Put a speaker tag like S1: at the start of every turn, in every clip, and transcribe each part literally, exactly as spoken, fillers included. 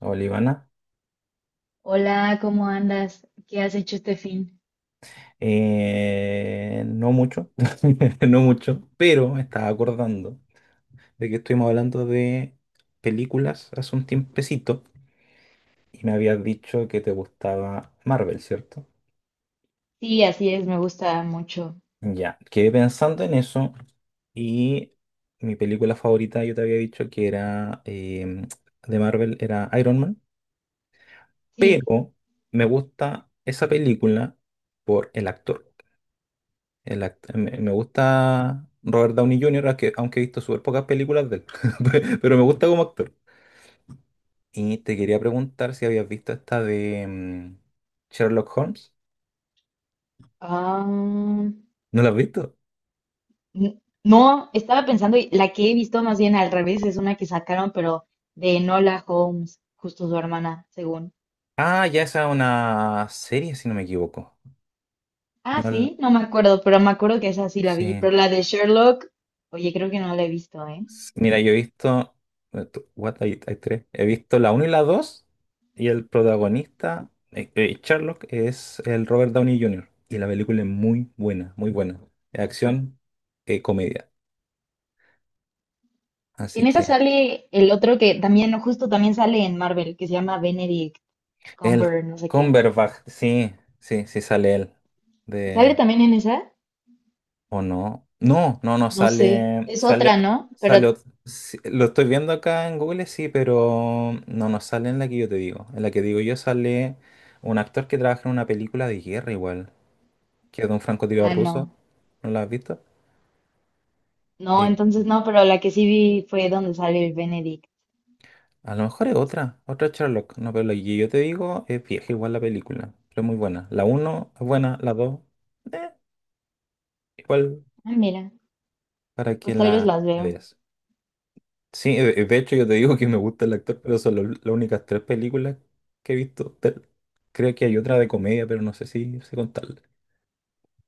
S1: Olivana.
S2: Hola, ¿cómo andas? ¿Qué has hecho este fin?
S1: Eh, no mucho, no mucho, pero me estaba acordando de que estuvimos hablando de películas hace un tiempecito y me habías dicho que te gustaba Marvel, ¿cierto?
S2: Sí, así es, me gusta mucho.
S1: Ya, quedé pensando en eso y mi película favorita yo te había dicho que era em, de Marvel, era Iron Man,
S2: Sí.
S1: pero me gusta esa película por el actor. El act- me me gusta Robert Downey junior, aunque, aunque he visto súper pocas películas de él, pero me gusta como actor. Y te quería preguntar si habías visto esta de mm, Sherlock Holmes.
S2: ah,
S1: ¿No la has visto?
S2: n- no, estaba pensando, y la que he visto más bien al revés es una que sacaron, pero de Nola Holmes, justo su hermana, según.
S1: Ah, ya esa es una serie, si no me equivoco.
S2: Ah,
S1: No la-
S2: sí, no me acuerdo, pero me acuerdo que esa sí la vi.
S1: Sí.
S2: Pero la de Sherlock, oye, creo que no la he visto, ¿eh?
S1: S- Mira, yo he visto... What, hay, hay tres. He visto la uno y la dos y el protagonista, eh, eh, Sherlock, es el Robert Downey junior Y la película es muy buena, muy buena. Es acción, eh, comedia. Así
S2: En esa
S1: que
S2: sale el otro que también, justo también sale en Marvel, que se llama Benedict
S1: el
S2: Cumber, no sé qué.
S1: Cumberbatch, sí, sí, sí sale él.
S2: ¿Sale
S1: De,
S2: también en esa?
S1: ¿o no? No, no, no
S2: No sé,
S1: sale,
S2: es
S1: sale,
S2: otra, ¿no? Pero,
S1: sale, ot- sí, lo estoy viendo acá en Google, sí, pero no, no sale en la que yo te digo. En la que digo yo sale un actor que trabaja en una película de guerra igual, que es de un francotirador
S2: ah,
S1: ruso.
S2: no.
S1: ¿No la has visto?
S2: No,
S1: Eh,
S2: entonces no, pero la que sí vi fue donde sale el Benedict.
S1: a lo mejor es otra, otra Sherlock, no, pero la que yo te digo es vieja igual la película, pero es muy buena. La uno es buena, la dos, igual
S2: Ah, mira,
S1: para que
S2: pues tal vez
S1: la
S2: las veo.
S1: veas. Sí, de de hecho yo te digo que me gusta el actor, pero son lo- las únicas tres películas que he visto de él. Creo que hay otra de comedia, pero no sé si sé contarla.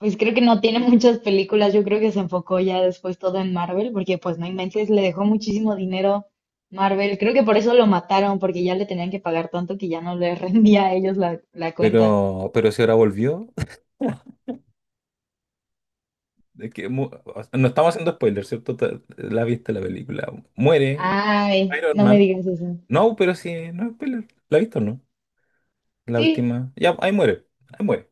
S2: Pues creo que no tiene muchas películas, yo creo que se enfocó ya después todo en Marvel, porque pues no inventes, le dejó muchísimo dinero Marvel. Creo que por eso lo mataron, porque ya le tenían que pagar tanto que ya no le rendía a ellos la, la cuenta.
S1: Pero, pero si ahora volvió, de que mu- o sea, no estamos haciendo spoilers, ¿cierto? Te- La viste la película. Muere
S2: Ay,
S1: Iron
S2: no me
S1: Man.
S2: digas eso.
S1: No, pero sí, no es spoiler. ¿La viste o no? La
S2: Sí.
S1: última. Ya, ahí muere. Ahí muere.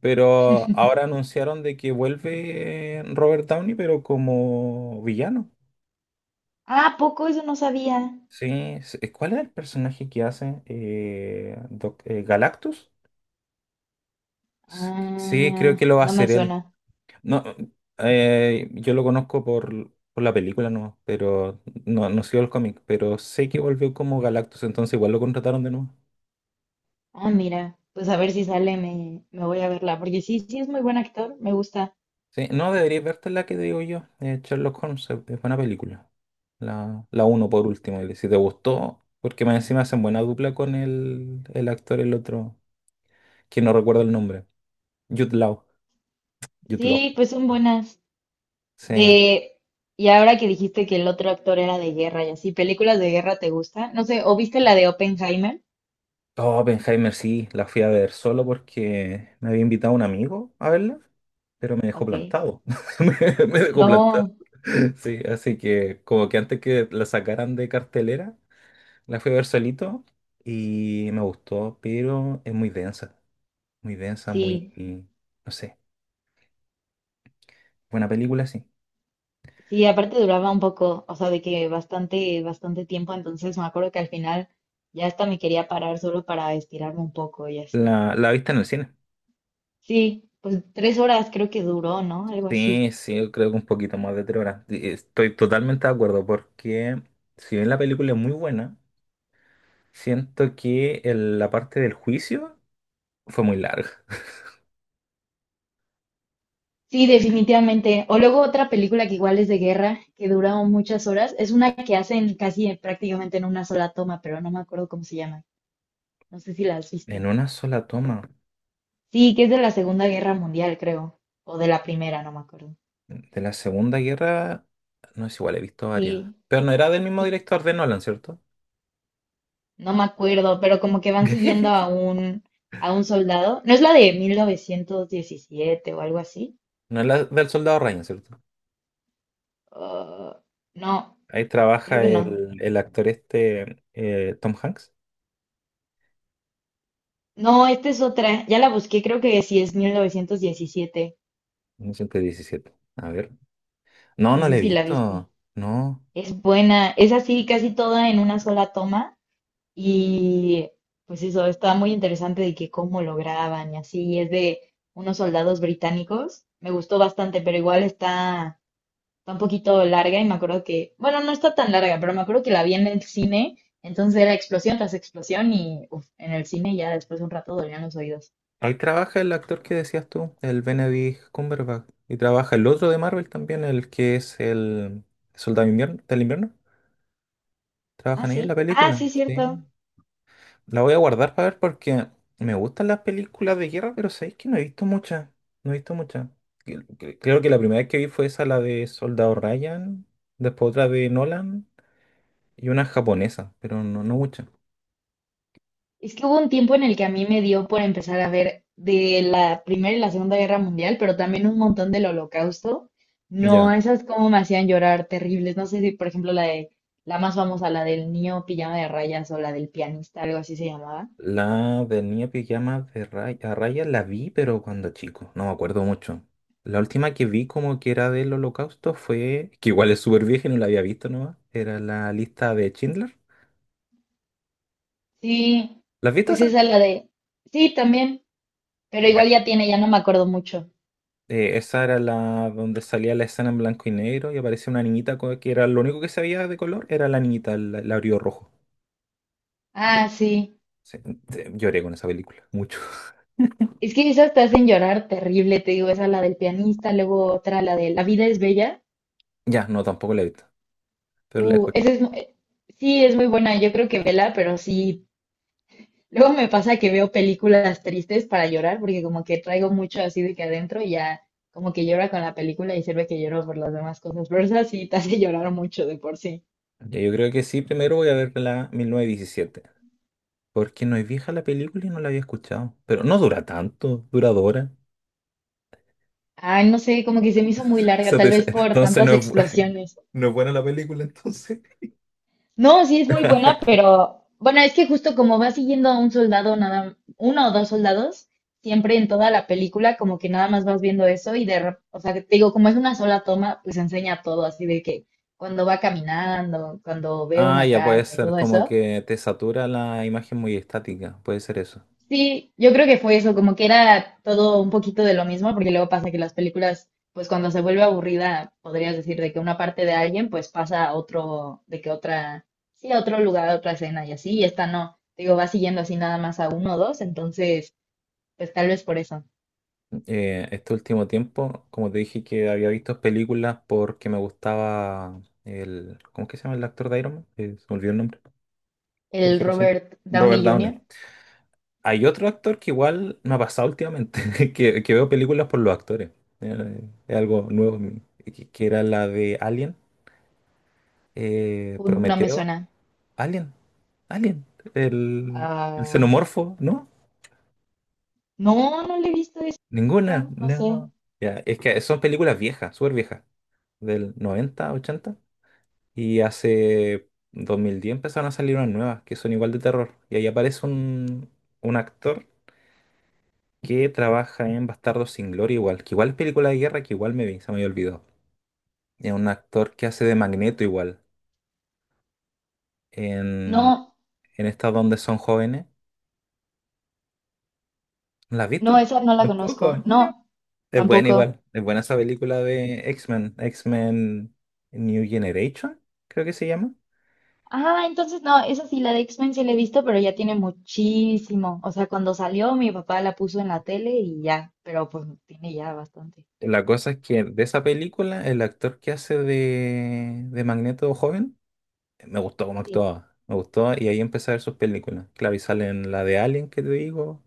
S1: Pero ahora anunciaron de que vuelve Robert Downey, pero como villano.
S2: Ah, ¿a poco eso no sabía.
S1: Sí, s- eh, ¿cuál es el personaje que hace? Eh, Doc- eh, ¿Galactus? S- Sí, creo
S2: Ah,
S1: que lo va a
S2: no me
S1: hacer él.
S2: suena.
S1: No, eh, yo lo conozco por, por la película, no, pero no, no sigo el cómic, pero sé que volvió como Galactus, entonces igual lo contrataron de nuevo.
S2: Ah, mira, pues a ver si sale, me, me voy a verla, porque sí, sí es muy buen actor, me gusta.
S1: Sí, no, deberías verte la que digo yo, eh, Sherlock Holmes, es es buena película. La, la uno por último, y si te gustó, porque más encima hacen buena dupla con el, el actor, el otro, que no recuerdo el nombre, Jude Law, Jude Law.
S2: Sí, pues son buenas.
S1: Sí.
S2: De, y ahora que dijiste que el otro actor era de guerra y así, ¿películas de guerra te gustan? No sé, ¿o viste la de Oppenheimer?
S1: Oh, Oppenheimer sí, la fui a ver solo porque me había invitado un amigo a verla, pero me dejó
S2: Ok.
S1: plantado. Me, me dejó plantado.
S2: No,
S1: Sí, así que como que antes que la sacaran de cartelera, la fui a ver solito y me gustó, pero es muy densa, muy densa,
S2: sí,
S1: muy, no sé, buena película, sí.
S2: sí, aparte duraba un poco, o sea, de que bastante, bastante tiempo, entonces me acuerdo que al final ya hasta me quería parar solo para estirarme un poco y así.
S1: La, la viste en el cine.
S2: Sí, pues tres horas creo que duró, ¿no? Algo así.
S1: Sí, sí, yo creo que un poquito más de tres horas. Y estoy totalmente de acuerdo porque si bien la película es muy buena, siento que el- la parte del juicio fue muy larga.
S2: Sí, definitivamente. O luego otra película que igual es de guerra, que dura muchas horas, es una que hacen casi en- prácticamente en una sola toma, pero no me acuerdo cómo se llama. No sé si la has visto.
S1: En una sola toma
S2: Sí, que es de la Segunda Guerra Mundial, creo, o de la Primera, no me acuerdo.
S1: de la Segunda Guerra, no es igual, he visto varias.
S2: Sí,
S1: Pero no era del mismo
S2: y
S1: director de Nolan, ¿cierto?
S2: no me acuerdo, pero como que van siguiendo a un a un soldado. ¿No es la de mil novecientos diecisiete o algo así?
S1: ¿No es la del Soldado Ryan, cierto?
S2: Ah, no,
S1: Ahí
S2: creo
S1: trabaja
S2: que no.
S1: el, el actor este, eh, Tom Hanks,
S2: No, esta es otra. Ya la busqué, creo que sí es mil novecientos diecisiete.
S1: ciento diecisiete. A ver. No,
S2: No
S1: no lo
S2: sé
S1: he
S2: si la viste.
S1: visto. No.
S2: Es buena, es así casi toda en una sola toma y pues eso, está muy interesante de que cómo lo graban y así, y es de unos soldados británicos, me gustó bastante, pero igual está, está un poquito larga y me acuerdo que, bueno, no está tan larga, pero me acuerdo que la vi en el cine, entonces era explosión tras explosión y uf, en el cine ya después de un rato dolían los oídos.
S1: Ahí trabaja el actor que decías tú, el Benedict Cumberbatch. Y trabaja el otro de Marvel también, el que es el Soldado Invier- del Invierno.
S2: Ah,
S1: Trabajan ellos en la
S2: sí, ah,
S1: película,
S2: sí,
S1: sí.
S2: cierto.
S1: La voy a guardar para ver porque me gustan las películas de guerra, pero sabéis que no he visto muchas. No he visto muchas. Cre- cre- Creo que la primera vez que vi fue esa, la de Soldado Ryan, después otra de Nolan y una japonesa, pero no, no muchas.
S2: Es que hubo un tiempo en el que a mí me dio por empezar a ver de la Primera y la Segunda Guerra Mundial, pero también un montón del Holocausto. No,
S1: Ya.
S2: esas como me hacían llorar terribles. No sé si, por ejemplo, la de la más famosa, la del niño pijama de rayas o la del pianista, algo así se llamaba.
S1: La del niño pijama de Ray- a Ryan la vi, pero cuando chico, no me acuerdo mucho. La última que vi como que era del Holocausto fue, que igual es súper vieja y no la había visto nomás, era la lista de Schindler.
S2: Sí,
S1: ¿La has visto
S2: pues
S1: esa?
S2: esa la de, sí, también, pero igual ya tiene, ya no me acuerdo mucho.
S1: Eh, esa era la donde salía la escena en blanco y negro y aparecía una niñita co- que era lo único que se veía de color, era la niñita, el labio rojo. Ya,
S2: Ah, sí.
S1: sí, te- lloré con esa película, mucho.
S2: Es que esas te hacen llorar terrible, te digo, esa la del pianista, luego otra, la de La vida es bella.
S1: Ya, no, tampoco la he visto, pero la he
S2: Uh, esa
S1: escuchado.
S2: es, mu- eh, sí, es muy buena, yo creo que vela, pero sí. Luego me pasa que veo películas tristes para llorar, porque como que traigo mucho así de que adentro y ya como que llora con la película y sirve que lloro por las demás cosas. Pero esa sí te hace llorar mucho de por sí.
S1: Ya, yo creo que sí, primero voy a ver la mil novecientos diecisiete porque no es vieja la película y no la había escuchado. Pero no dura tanto, dura dos horas.
S2: Ay, no sé, como que se me hizo muy
S1: O
S2: larga,
S1: sea, te
S2: tal
S1: dice,
S2: vez por
S1: entonces
S2: tantas
S1: no es, bu-
S2: explosiones.
S1: no es buena la película, entonces.
S2: No, sí es muy buena, pero bueno, es que justo como va siguiendo a un soldado, nada, uno o dos soldados, siempre en toda la película, como que nada más vas viendo eso y de, rep- o sea, que te digo, como es una sola toma, pues enseña todo, así de que cuando va caminando, cuando ve
S1: Ah,
S2: una
S1: ya puede
S2: carta y
S1: ser
S2: todo
S1: como
S2: eso.
S1: que te satura la imagen muy estática, puede ser eso.
S2: Sí, yo creo que fue eso, como que era todo un poquito de lo mismo, porque luego pasa que las películas, pues cuando se vuelve aburrida, podrías decir de que una parte de alguien, pues pasa a otro, de que otra, sí, a otro lugar, a otra escena y así, y esta no, digo, va siguiendo así nada más a uno o dos, entonces, pues tal vez por eso.
S1: eh, este último tiempo, como te dije que había visto películas porque me gustaba el... ¿Cómo es que se llama el actor de Iron Man? Eh, se me olvidó el nombre. Lo
S2: El
S1: dije recién.
S2: Robert
S1: Robert
S2: Downey
S1: Downey.
S2: junior,
S1: Hay otro actor que igual me ha pasado últimamente, que, que veo películas por los actores. Eh, es algo nuevo en mí, que, que era la de Alien, eh,
S2: uh, no me
S1: Prometeo.
S2: suena.
S1: Alien, Alien, el, el
S2: Ah,
S1: xenomorfo, ¿no?
S2: no, no le he visto eso,
S1: Ninguna,
S2: no sé.
S1: no. Ya, es que son películas viejas, súper viejas, del noventa, ochenta. Y hace dos mil diez empezaron a salir unas nuevas que son igual de terror. Y ahí aparece un, un actor que trabaja en Bastardos sin Gloria igual, que igual es película de guerra, que igual me vi, se me había olvidado. Es un actor que hace de Magneto igual, en,
S2: No,
S1: en estas donde son jóvenes. ¿No ¿La has
S2: no,
S1: visto?
S2: esa no la
S1: Tampoco,
S2: conozco.
S1: no.
S2: No,
S1: Es buena
S2: tampoco.
S1: igual, es buena esa película de X-Men, X-Men New Generation, creo que se llama.
S2: Ah, entonces no, esa sí, la de X-Men sí la he visto, pero ya tiene muchísimo. O sea, cuando salió mi papá la puso en la tele y ya, pero pues tiene ya bastante.
S1: La cosa es que de esa película, el actor que hace de, de Magneto joven me gustó cómo
S2: Sí,
S1: actuaba, me gustó y ahí empecé a ver sus películas. Claro, y salen la de Alien que te digo,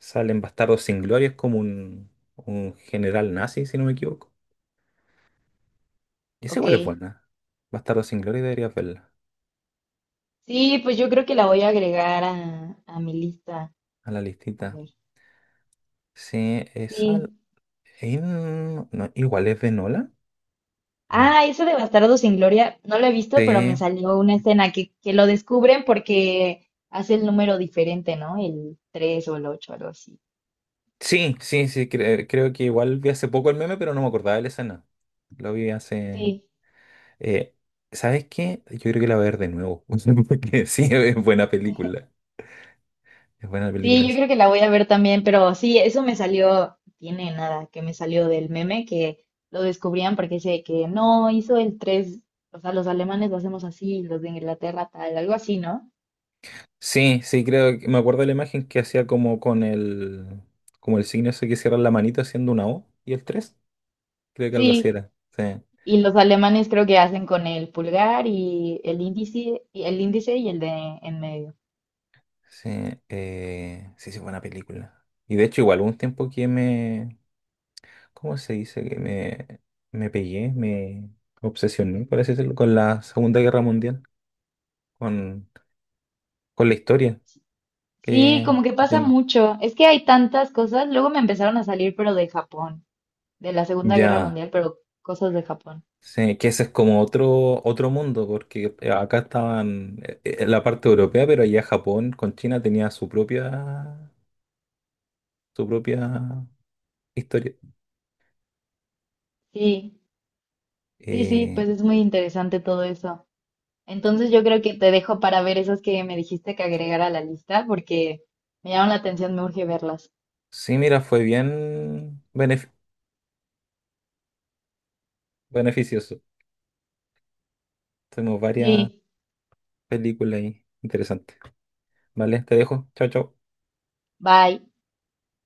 S1: salen Bastardos sin Gloria, es como un, un general nazi, si no me equivoco. Y esa igual es
S2: ok.
S1: buena. Bastardos sin Gloria deberías verla
S2: Sí, pues yo creo que la voy a agregar a, a mi lista.
S1: a la
S2: A
S1: listita.
S2: ver,
S1: Sí, esa
S2: sí.
S1: eh, no, no, igual es de Nolan. Mm.
S2: Ah, esa de Bastardos sin Gloria, no la he visto, pero me
S1: Sí,
S2: salió una escena que, que lo descubren porque hace el número diferente, ¿no? El tres o el ocho algo así.
S1: sí, sí, sí, cre- creo que igual vi hace poco el meme, pero no me acordaba de la escena. Lo vi hace...
S2: Sí,
S1: eh, ¿sabes qué? Yo creo que la voy a ver de nuevo, porque sí, es buena película. Es buena la película
S2: sí, yo
S1: esa.
S2: creo que la voy a ver también, pero sí, eso me salió, tiene nada, que me salió del meme que lo descubrían porque dice que no hizo el tres, o sea, los alemanes lo hacemos así, los de Inglaterra tal, algo así, ¿no?
S1: Sí, sí, creo que me acuerdo de la imagen que hacía como con el, como el signo ese que cierra la manito haciendo una O y el tres. Creo que algo así
S2: Sí,
S1: era. Sí,
S2: y los alemanes creo que hacen con el pulgar y el índice y el índice y el de en medio.
S1: sí, eh, sí, sí, buena película. Y de hecho, igual hubo un tiempo que me, ¿cómo se dice? Que me, me pegué, me obsesioné, por así decirlo, con la Segunda Guerra Mundial, con, con la historia
S2: Sí,
S1: que
S2: como que
S1: que
S2: pasa
S1: tiene.
S2: mucho. Es que hay tantas cosas, luego me empezaron a salir pero de Japón, de la Segunda Guerra
S1: Ya.
S2: Mundial, pero cosas de Japón.
S1: Sí, que ese es como otro, otro mundo, porque eh, acá estaban eh, eh, en la parte europea, pero allá Japón con China tenía su propia, su propia historia.
S2: Sí, sí, sí,
S1: Eh,
S2: pues es muy interesante todo eso. Entonces yo creo que te dejo para ver esas que me dijiste que agregara a la lista porque me llaman la atención, me urge verlas.
S1: sí, mira, fue bien benef- beneficioso. Tenemos varias
S2: Sí,
S1: películas ahí interesantes. Vale, te dejo. Chao, chao.
S2: bye.